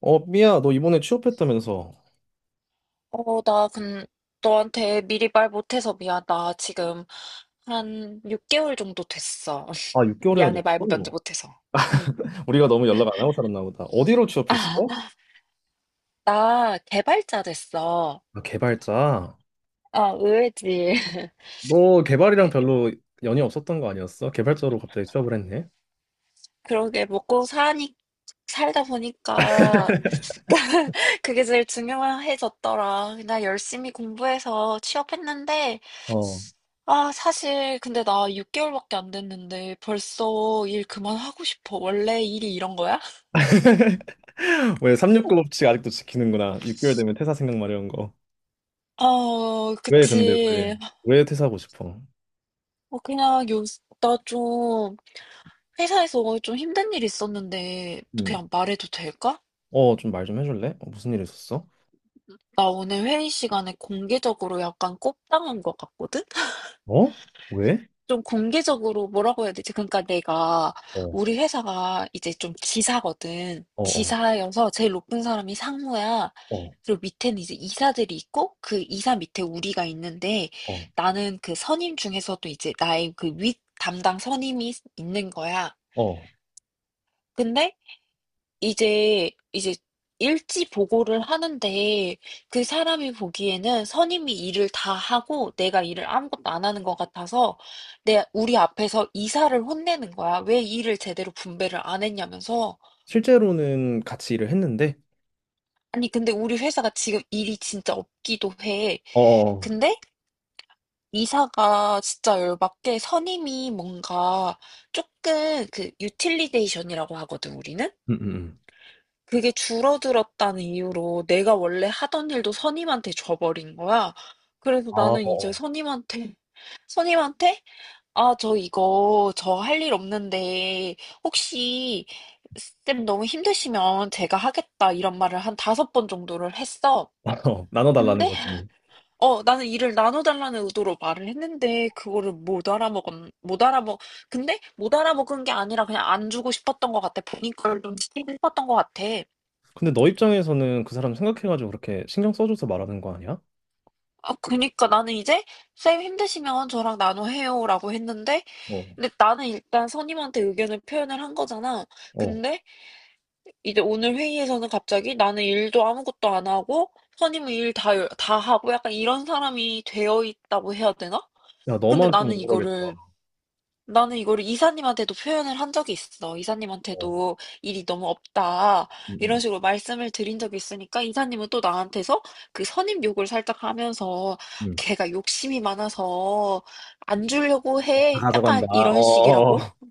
어, 삐야, 너 이번에 취업했다면서. 어, 나 너한테 미리 말 못해서 미안. 나 지금 한 6개월 정도 됐어. 아, 6개월이나 미안해, 말 됐어? 먼저 못해서. 응. 우리가 너무 연락 안 하고 살았나 보다. 어디로 취업했어? 아, 나 개발자 됐어. 아, 개발자. 아, 의외지. 너 개발이랑 별로 연이 없었던 거 아니었어? 개발자로 갑자기 취업을 했네? 그러게, 먹고 사니, 살다 보니까, 그게 제일 중요해졌더라. 나 열심히 공부해서 취업했는데, 어. 아, 사실, 근데 나 6개월밖에 안 됐는데, 벌써 일 그만하고 싶어. 원래 일이 이런 거야? 왜 369 법칙 아직도 지키는구나. 6개월 되면 퇴사 생각 마려운 거. 어, 왜 근데 왜? 그치. 왜 퇴사하고 싶어? 어, 그냥 나 좀, 회사에서 좀 힘든 일이 있었는데, 음. 그냥 말해도 될까? 어, 말 좀 해줄래? 어, 무슨 일 있었어? 나 오늘 회의 시간에 공개적으로 약간 꼽당한 것 같거든? 어? 왜? 좀 공개적으로 뭐라고 해야 되지? 그러니까 내가, 어, 우리 회사가 이제 좀 지사거든. 어, 어, 지사여서 제일 높은 사람이 상무야. 어, 그리고 밑에는 이제 이사들이 있고, 그 이사 밑에 우리가 있는데, 어, 나는 그 선임 중에서도 이제 나의 그 윗 담당 선임이 있는 거야. 어. 근데 이제 일지 보고를 하는데 그 사람이 보기에는 선임이 일을 다 하고 내가 일을 아무것도 안 하는 것 같아서 내 우리 앞에서 이사를 혼내는 거야. 왜 일을 제대로 분배를 안 했냐면서. 실제로는 같이 일을 했는데, 아니 근데 우리 회사가 지금 일이 진짜 없기도 해. 어. 근데 이사가 진짜 열받게 선임이 뭔가 조금 그 유틸리데이션이라고 하거든 우리는. 음, 음, 음. 그게 줄어들었다는 이유로 내가 원래 하던 일도 선임한테 줘버린 거야. 그래서 아, 나는 이제 어. 선임한테, 아, 저 이거, 저 할 일 없는데, 혹시, 쌤 너무 힘드시면 제가 하겠다, 이런 말을 한 다섯 번 정도를 했어. 어, 나눠달라는 근데, 거지. 뭐. 나는 일을 나눠달라는 의도로 말을 했는데, 그거를 못 알아먹은, 못 알아먹, 근데 못 알아먹은 게 아니라 그냥 안 주고 싶었던 것 같아. 본인 걸좀 시키고 싶었던 것 같아. 근데 너 입장에서는 그 사람 생각해가지고 그렇게 신경 써줘서 말하는 거 아니야? 아, 그니까 나는 이제 쌤 힘드시면 저랑 나눠해요라고 했는데, 어. 근데 나는 일단 선임한테 의견을 표현을 한 거잖아. 어. 근데 이제 오늘 회의에서는 갑자기 나는 일도 아무것도 안 하고, 선임은 일 다 하고 약간 이런 사람이 되어 있다고 해야 되나? 야, 근데 너만 좀 억울하겠다. 나는 이거를 이사님한테도 표현을 한 적이 있어. 어. 이사님한테도 일이 너무 없다. 이런 음, 식으로 말씀을 드린 적이 있으니까 이사님은 또 나한테서 그 선임 욕을 살짝 하면서 음, 음. 걔가 욕심이 많아서 안 주려고 다 해. 가져간다. 약간 이런 어. 식이라고?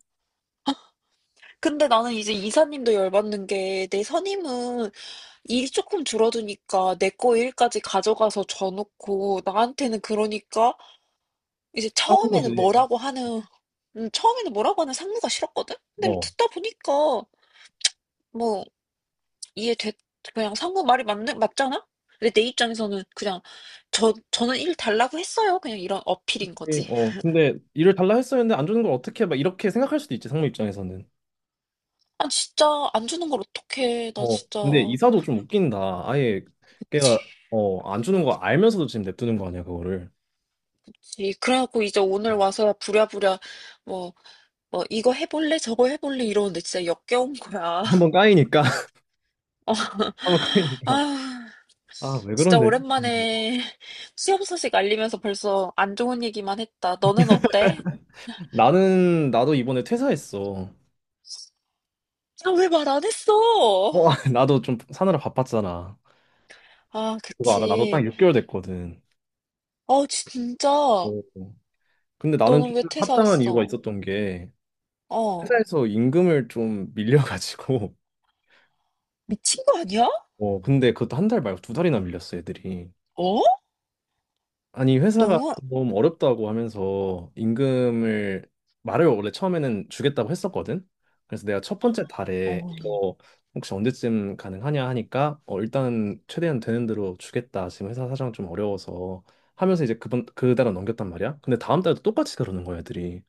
근데 나는 이제 이사님도 열받는 게 내 선임은 일이 조금 줄어드니까 내 거 일까지 가져가서 줘놓고 나한테는 그러니까 이제 싸운 거지. 처음에는 뭐라고 하는 상무가 싫었거든? 근데 뭐 어. 듣다 보니까, 뭐, 이해됐, 그냥 상무 말이 맞잖아? 근데 내 입장에서는 그냥, 저는 일 달라고 했어요. 그냥 이런 어필인 그치? 거지. 어. 근데 일을 달라 했었는데 안 주는 걸 어떻게 막 이렇게 생각할 수도 있지, 상무 입장에서는. 아, 진짜, 안 주는 걸 어떡해. 나 어. 진짜. 근데 이사도 좀 웃긴다. 아예 걔가 그치, 어, 안 주는 거 알면서도 지금 냅두는 거 아니야, 그거를. 그치. 그래갖고 이제 오늘 와서 부랴부랴, 뭐, 뭐, 이거 해볼래? 저거 해볼래? 이러는데 진짜 역겨운 거야. 한 번 까이니까. 어, 한번 까이니까. 아 아, 왜 진짜 그런데? 음. 오랜만에 취업 소식 알리면서 벌써 안 좋은 얘기만 했다. 너는 어때? 나는 나도 이번에 퇴사했어. 아, 왜 말 안 했어? 어, 나도 좀 사느라 바빴잖아. 아, 그거 알아? 나도 그치. 딱 6개월 됐거든. 아, 진짜. 오. 근데 나는 좀 너는 왜 합당한 이유가 퇴사했어? 있었던 게 어. 회사에서 임금을 좀 밀려가지고. 미친 거 아니야? 어, 근데 그것도 한 달 말고 두 달이나 밀렸어, 애들이. 어? 아니 회사가 너무, 좀 어렵다고 하면서 임금을 말을 원래 처음에는 주겠다고 했었거든. 그래서 내가 첫 번째 달에 어. 이거 혹시 언제쯤 가능하냐 하니까 어 일단은 최대한 되는 대로 주겠다. 지금 회사 사정 좀 어려워서 하면서 이제 그번 그 달은 넘겼단 말이야. 근데 다음 달도 똑같이 그러는 거야, 애들이.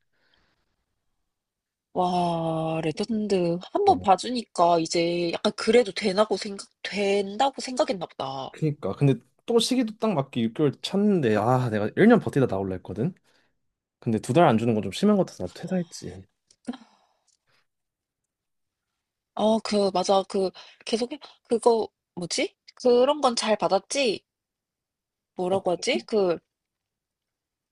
와, 레전드. 한번 어, 봐주니까 이제 약간 그래도 되나고 된다고 생각했나 보다. 그니까. 근데 또 시기도 딱 맞게 6개월 찼는데 아 내가 1년 버티다 나올라 했거든. 근데 두 달 안 주는 건 좀 심한 것 같아서 나도 퇴사했지. 어, 그, 맞아. 그, 계속, 해 그거, 뭐지? 그런 건 잘 받았지? 어떤 뭐라고 하지? 거? 그,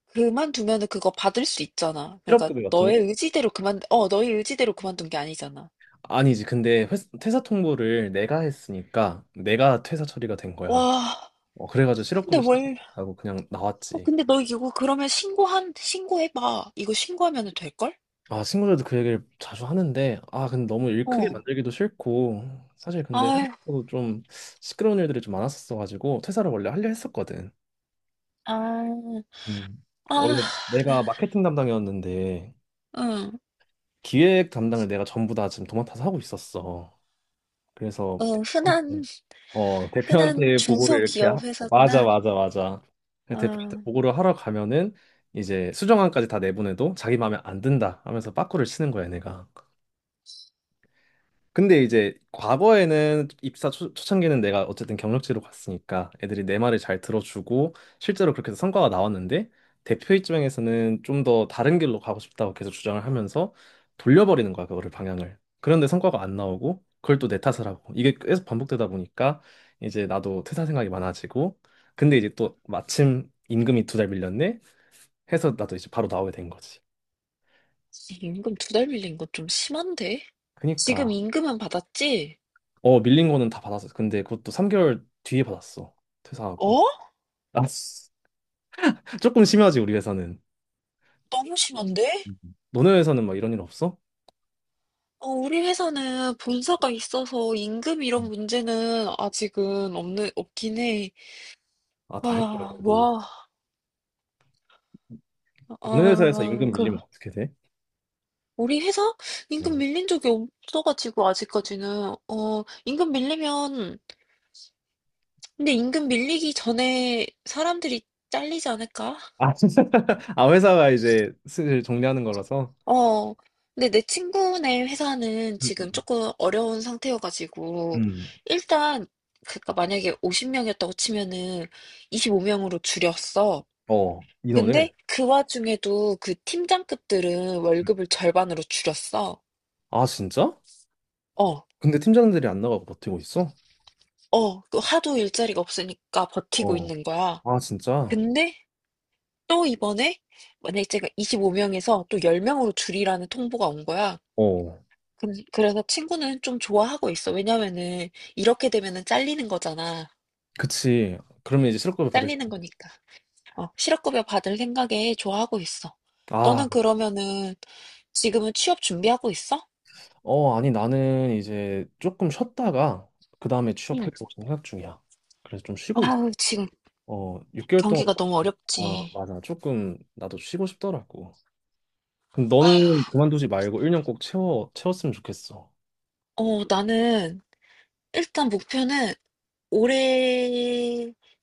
그만두면은 그거 받을 수 있잖아. 그러니까 실업급여 같은 너의 거? 의지대로 너의 의지대로 그만둔 게 아니잖아. 아니지. 근데 퇴사 통보를 내가 했으니까 내가 퇴사 처리가 된 거야. 와, 어, 그래가지고 근데 실업급여 신청하고 그냥 어, 나왔지. 근데 너 이거 그러면 신고해봐. 이거 신고하면은 될걸? 아, 친구들도 그 얘기를 자주 하는데, 아, 근데 너무 일 크게 어. 만들기도 싫고, 사실 근데 아유, 홍대도 좀 시끄러운 일들이 좀 많았었어가지고, 퇴사를 원래 하려 했었거든. 아, 음. 아, 원래 내가 마케팅 담당이었는데, 응, 기획 담당을 내가 전부 다 지금 도맡아서 하고 있었어. 그래서, 응, 어, 흔한 대표한테 보고를 이렇게 중소기업 어, 맞아, 회사구나. 맞아, 맞아. 그 대표한테 아, 보고를 하러 가면은 이제 수정안까지 다 내보내도 자기 마음에 안 든다 하면서 빠꾸를 치는 거야, 얘네가. 근데 이제 과거에는 입사 초창기는 내가 어쨌든 경력직으로 갔으니까 애들이 내 말을 잘 들어주고 실제로 그렇게 해서 성과가 나왔는데 대표 입장에서는 좀 더 다른 길로 가고 싶다고 계속 주장을 하면서 돌려버리는 거야, 그거를 방향을. 그런데 성과가 안 나오고 그걸 또 내 탓을 하고 이게 계속 반복되다 보니까 이제 나도 퇴사 생각이 많아지고 근데 이제 또 마침 임금이 두 달 밀렸네 해서 나도 이제 바로 나오게 된 거지. 임금 두 달 밀린 거 좀 심한데? 지금 그니까 임금은 받았지? 어 밀린 거는 다 받았어. 근데 그것도 3개월 뒤에 받았어. 퇴사하고. 어? 아, 조금 심하지, 우리 회사는. 너무 심한데? 음, 너네 회사는 막 이런 일 없어? 어, 우리 회사는 본사가 있어서 임금 이런 음. 문제는 아직은 없긴 해. 아, 다행이다, 아, 그래도. 와, 너네 회사에서 아, 임금 그, 밀리면 어떻게 돼? 우리 회사? 임금 어. 밀린 적이 없어가지고, 아직까지는. 어, 임금 밀리면, 근데 임금 밀리기 전에 사람들이 잘리지 않을까? 아, 아, 회사가 이제 슬슬 정리하는 거라서. 어, 근데 내 친구네 회사는 음, 지금 음, 조금 어려운 상태여가지고, 음. 일단, 그니까 만약에 50명이었다고 치면은 25명으로 줄였어. 어, 근데 인원을. 그 와중에도 그 팀장급들은 음. 월급을 절반으로 줄였어. 아, 진짜? 어, 근데 팀장들이 안 나가고 버티고 있어? 어, 그 하도 일자리가 없으니까 버티고 어. 있는 거야. 아, 진짜? 근데 또 이번에 만약에 제가 25명에서 또 10명으로 줄이라는 통보가 온 거야. 어, 그래서 친구는 좀 좋아하고 있어. 왜냐면은 이렇게 되면은 잘리는 거잖아. 그치. 그러면 이제 실업급여 받을 수... 잘리는 거니까. 어, 실업급여 받을 생각에 좋아하고 있어. 아, 너는 그러면은 지금은 취업 준비하고 있어? 어, 아니, 나는 이제 조금 쉬었다가 그 다음에 응. 취업하려고 생각 중이야. 그래서 좀 쉬고 있어. 아우, 지금 어, 6개월 동안 경기가 너무 아, 어렵지. 맞아. 조금 나도 쉬고 싶더라고. 그럼 아휴, 너는 그만두지 말고 1년 꼭 채워 채웠으면 좋겠어. 어, 나는 일단 목표는 올해까지는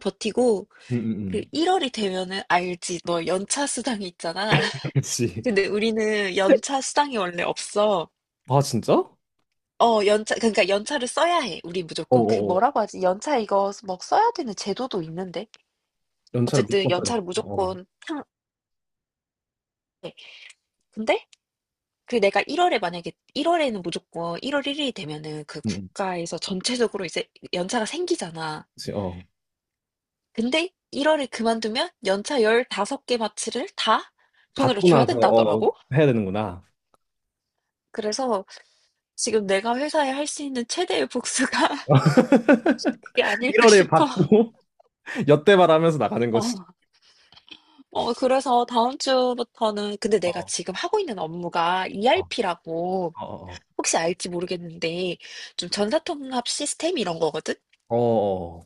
버티고 응, 응, 그 응. 1월이 되면은 알지. 너 연차 수당이 있잖아. 그렇지. 근데 우리는 연차 수당이 원래 없어. 아, 진짜? 어, 연차 그러니까 연차를 써야 해. 우리 무조건 그 어어어. 뭐라고 하지? 연차 이거 뭐 써야 되는 제도도 있는데. 연차를 어쨌든 무조건 써야 돼. 연차를 어. 무조건 향 해. 근데 그 내가 1월에 만약에 1월에는 무조건 1월 1일이 되면은 그 응, 응. 국가에서 전체적으로 이제 연차가 생기잖아. 그지 어. 근데 1 월에 그만두면 연차 15개 마치를 다 돈으로 받고 줘야 나서 어, 된다더라고. 해야 되는구나. 그래서 지금 내가 회사에 할 수 있는 최대의 복수가 그게 아닐까 1월에 싶어. 받고 엿대발 하면서 나가는 거지. 어. 그래서 다음 주부터는 근데 내가 어. 지금 하고 있는 업무가 어. ERP라고 어. 혹시 알지 모르겠는데 좀 전사통합 시스템 이런 거거든. 어. 어.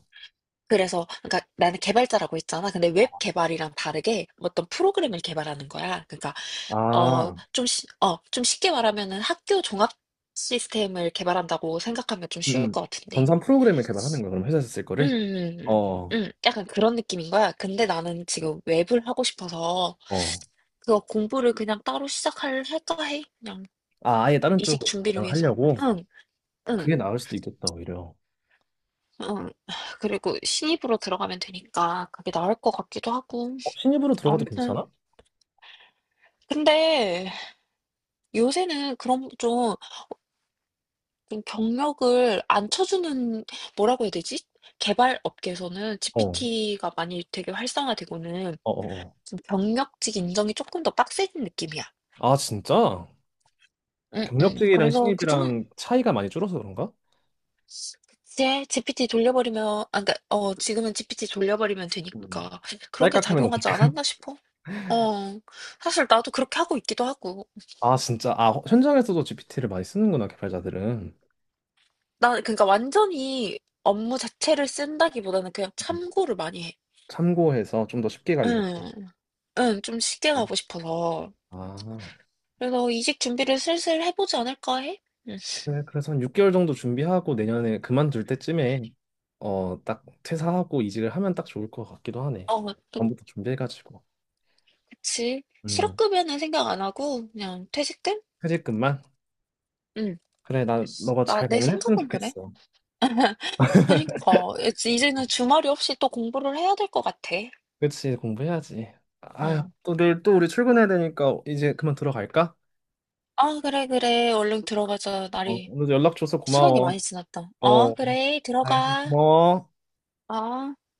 그래서 그러니까 나는 개발자라고 했잖아. 근데 웹 개발이랑 다르게 어떤 프로그램을 개발하는 거야. 그러니까 어. 아. 좀 쉽게 말하면은 학교 종합 시스템을 개발한다고 생각하면 좀 응. 쉬울 응. 것 같은데. 전산 프로그램을 개발하는 거야. 그럼 회사에서 쓸 음, 거를? 음, 음, 어. 약간 그런 느낌인 거야. 근데 나는 지금 웹을 하고 싶어서 어. 그거 공부를 그냥 따로 할까 해. 그냥 아, 아예 다른 이직 쪽으로 준비를 위해서. 다양하려고? 응, 응, 그게 나을 수도 있겠다, 오히려. 응. 그리고 신입으로 들어가면 되니까 그게 나을 것 같기도 하고. 어, 신입으로 들어가도 아무튼. 괜찮아? 근데 요새는 그런 좀 경력을 안 쳐주는 뭐라고 해야 되지? 개발 업계에서는 어, 어, GPT가 많이 되게 활성화되고는 어. 어. 좀 경력직 인정이 조금 더 빡세진 느낌이야. 아, 진짜? 응응. 경력직이랑 그래서 그중 신입이랑 차이가 많이 줄어서 그런가? 이제 GPT 돌려버리면 아 그니까 지금은 GPT 돌려버리면 음, 되니까 그런 게 딸깍하면 작용하지 되니까. 않았나 싶어. 어. 사실 나도 그렇게 하고 있기도 하고. 아, 진짜. 아, 현장에서도 GPT를 많이 쓰는구나, 개발자들은. 나 그니까 완전히 업무 자체를 쓴다기보다는 그냥 음, 참고를 많이 해. 참고해서 좀 더 쉽게 가려고. 응. 응. 좀 쉽게 음. 가고 싶어서. 아, 그래서 이직 준비를 슬슬 해보지 않을까 해? 응. 그래, 그래서 한 6개월 정도 준비하고 내년에 그만둘 때쯤에 어, 딱 퇴사하고 이직을 하면 딱 좋을 것 같기도 하네. 어, 또, 전부터 준비해가지고. 그치. 음, 실업급여는 생각 안 하고, 그냥 퇴직금? 퇴직금만? 응. 그래, 난 너가 잘 내 마무리했으면 생각은 그래. 좋겠어. 그러니까, 이제는 주말이 없이 또 공부를 해야 될 것 같아. 그치, 공부해야지. 아휴, 응. 또, 내일 또 우리 출근해야 되니까 이제 그만 들어갈까? 아, 그래, 그래. 얼른 들어가자. 어, 오늘 연락 줘서 시간이 많이 고마워. 지났다. 어, 어, 그래. 알겠어. 들어가. 고마워. 어.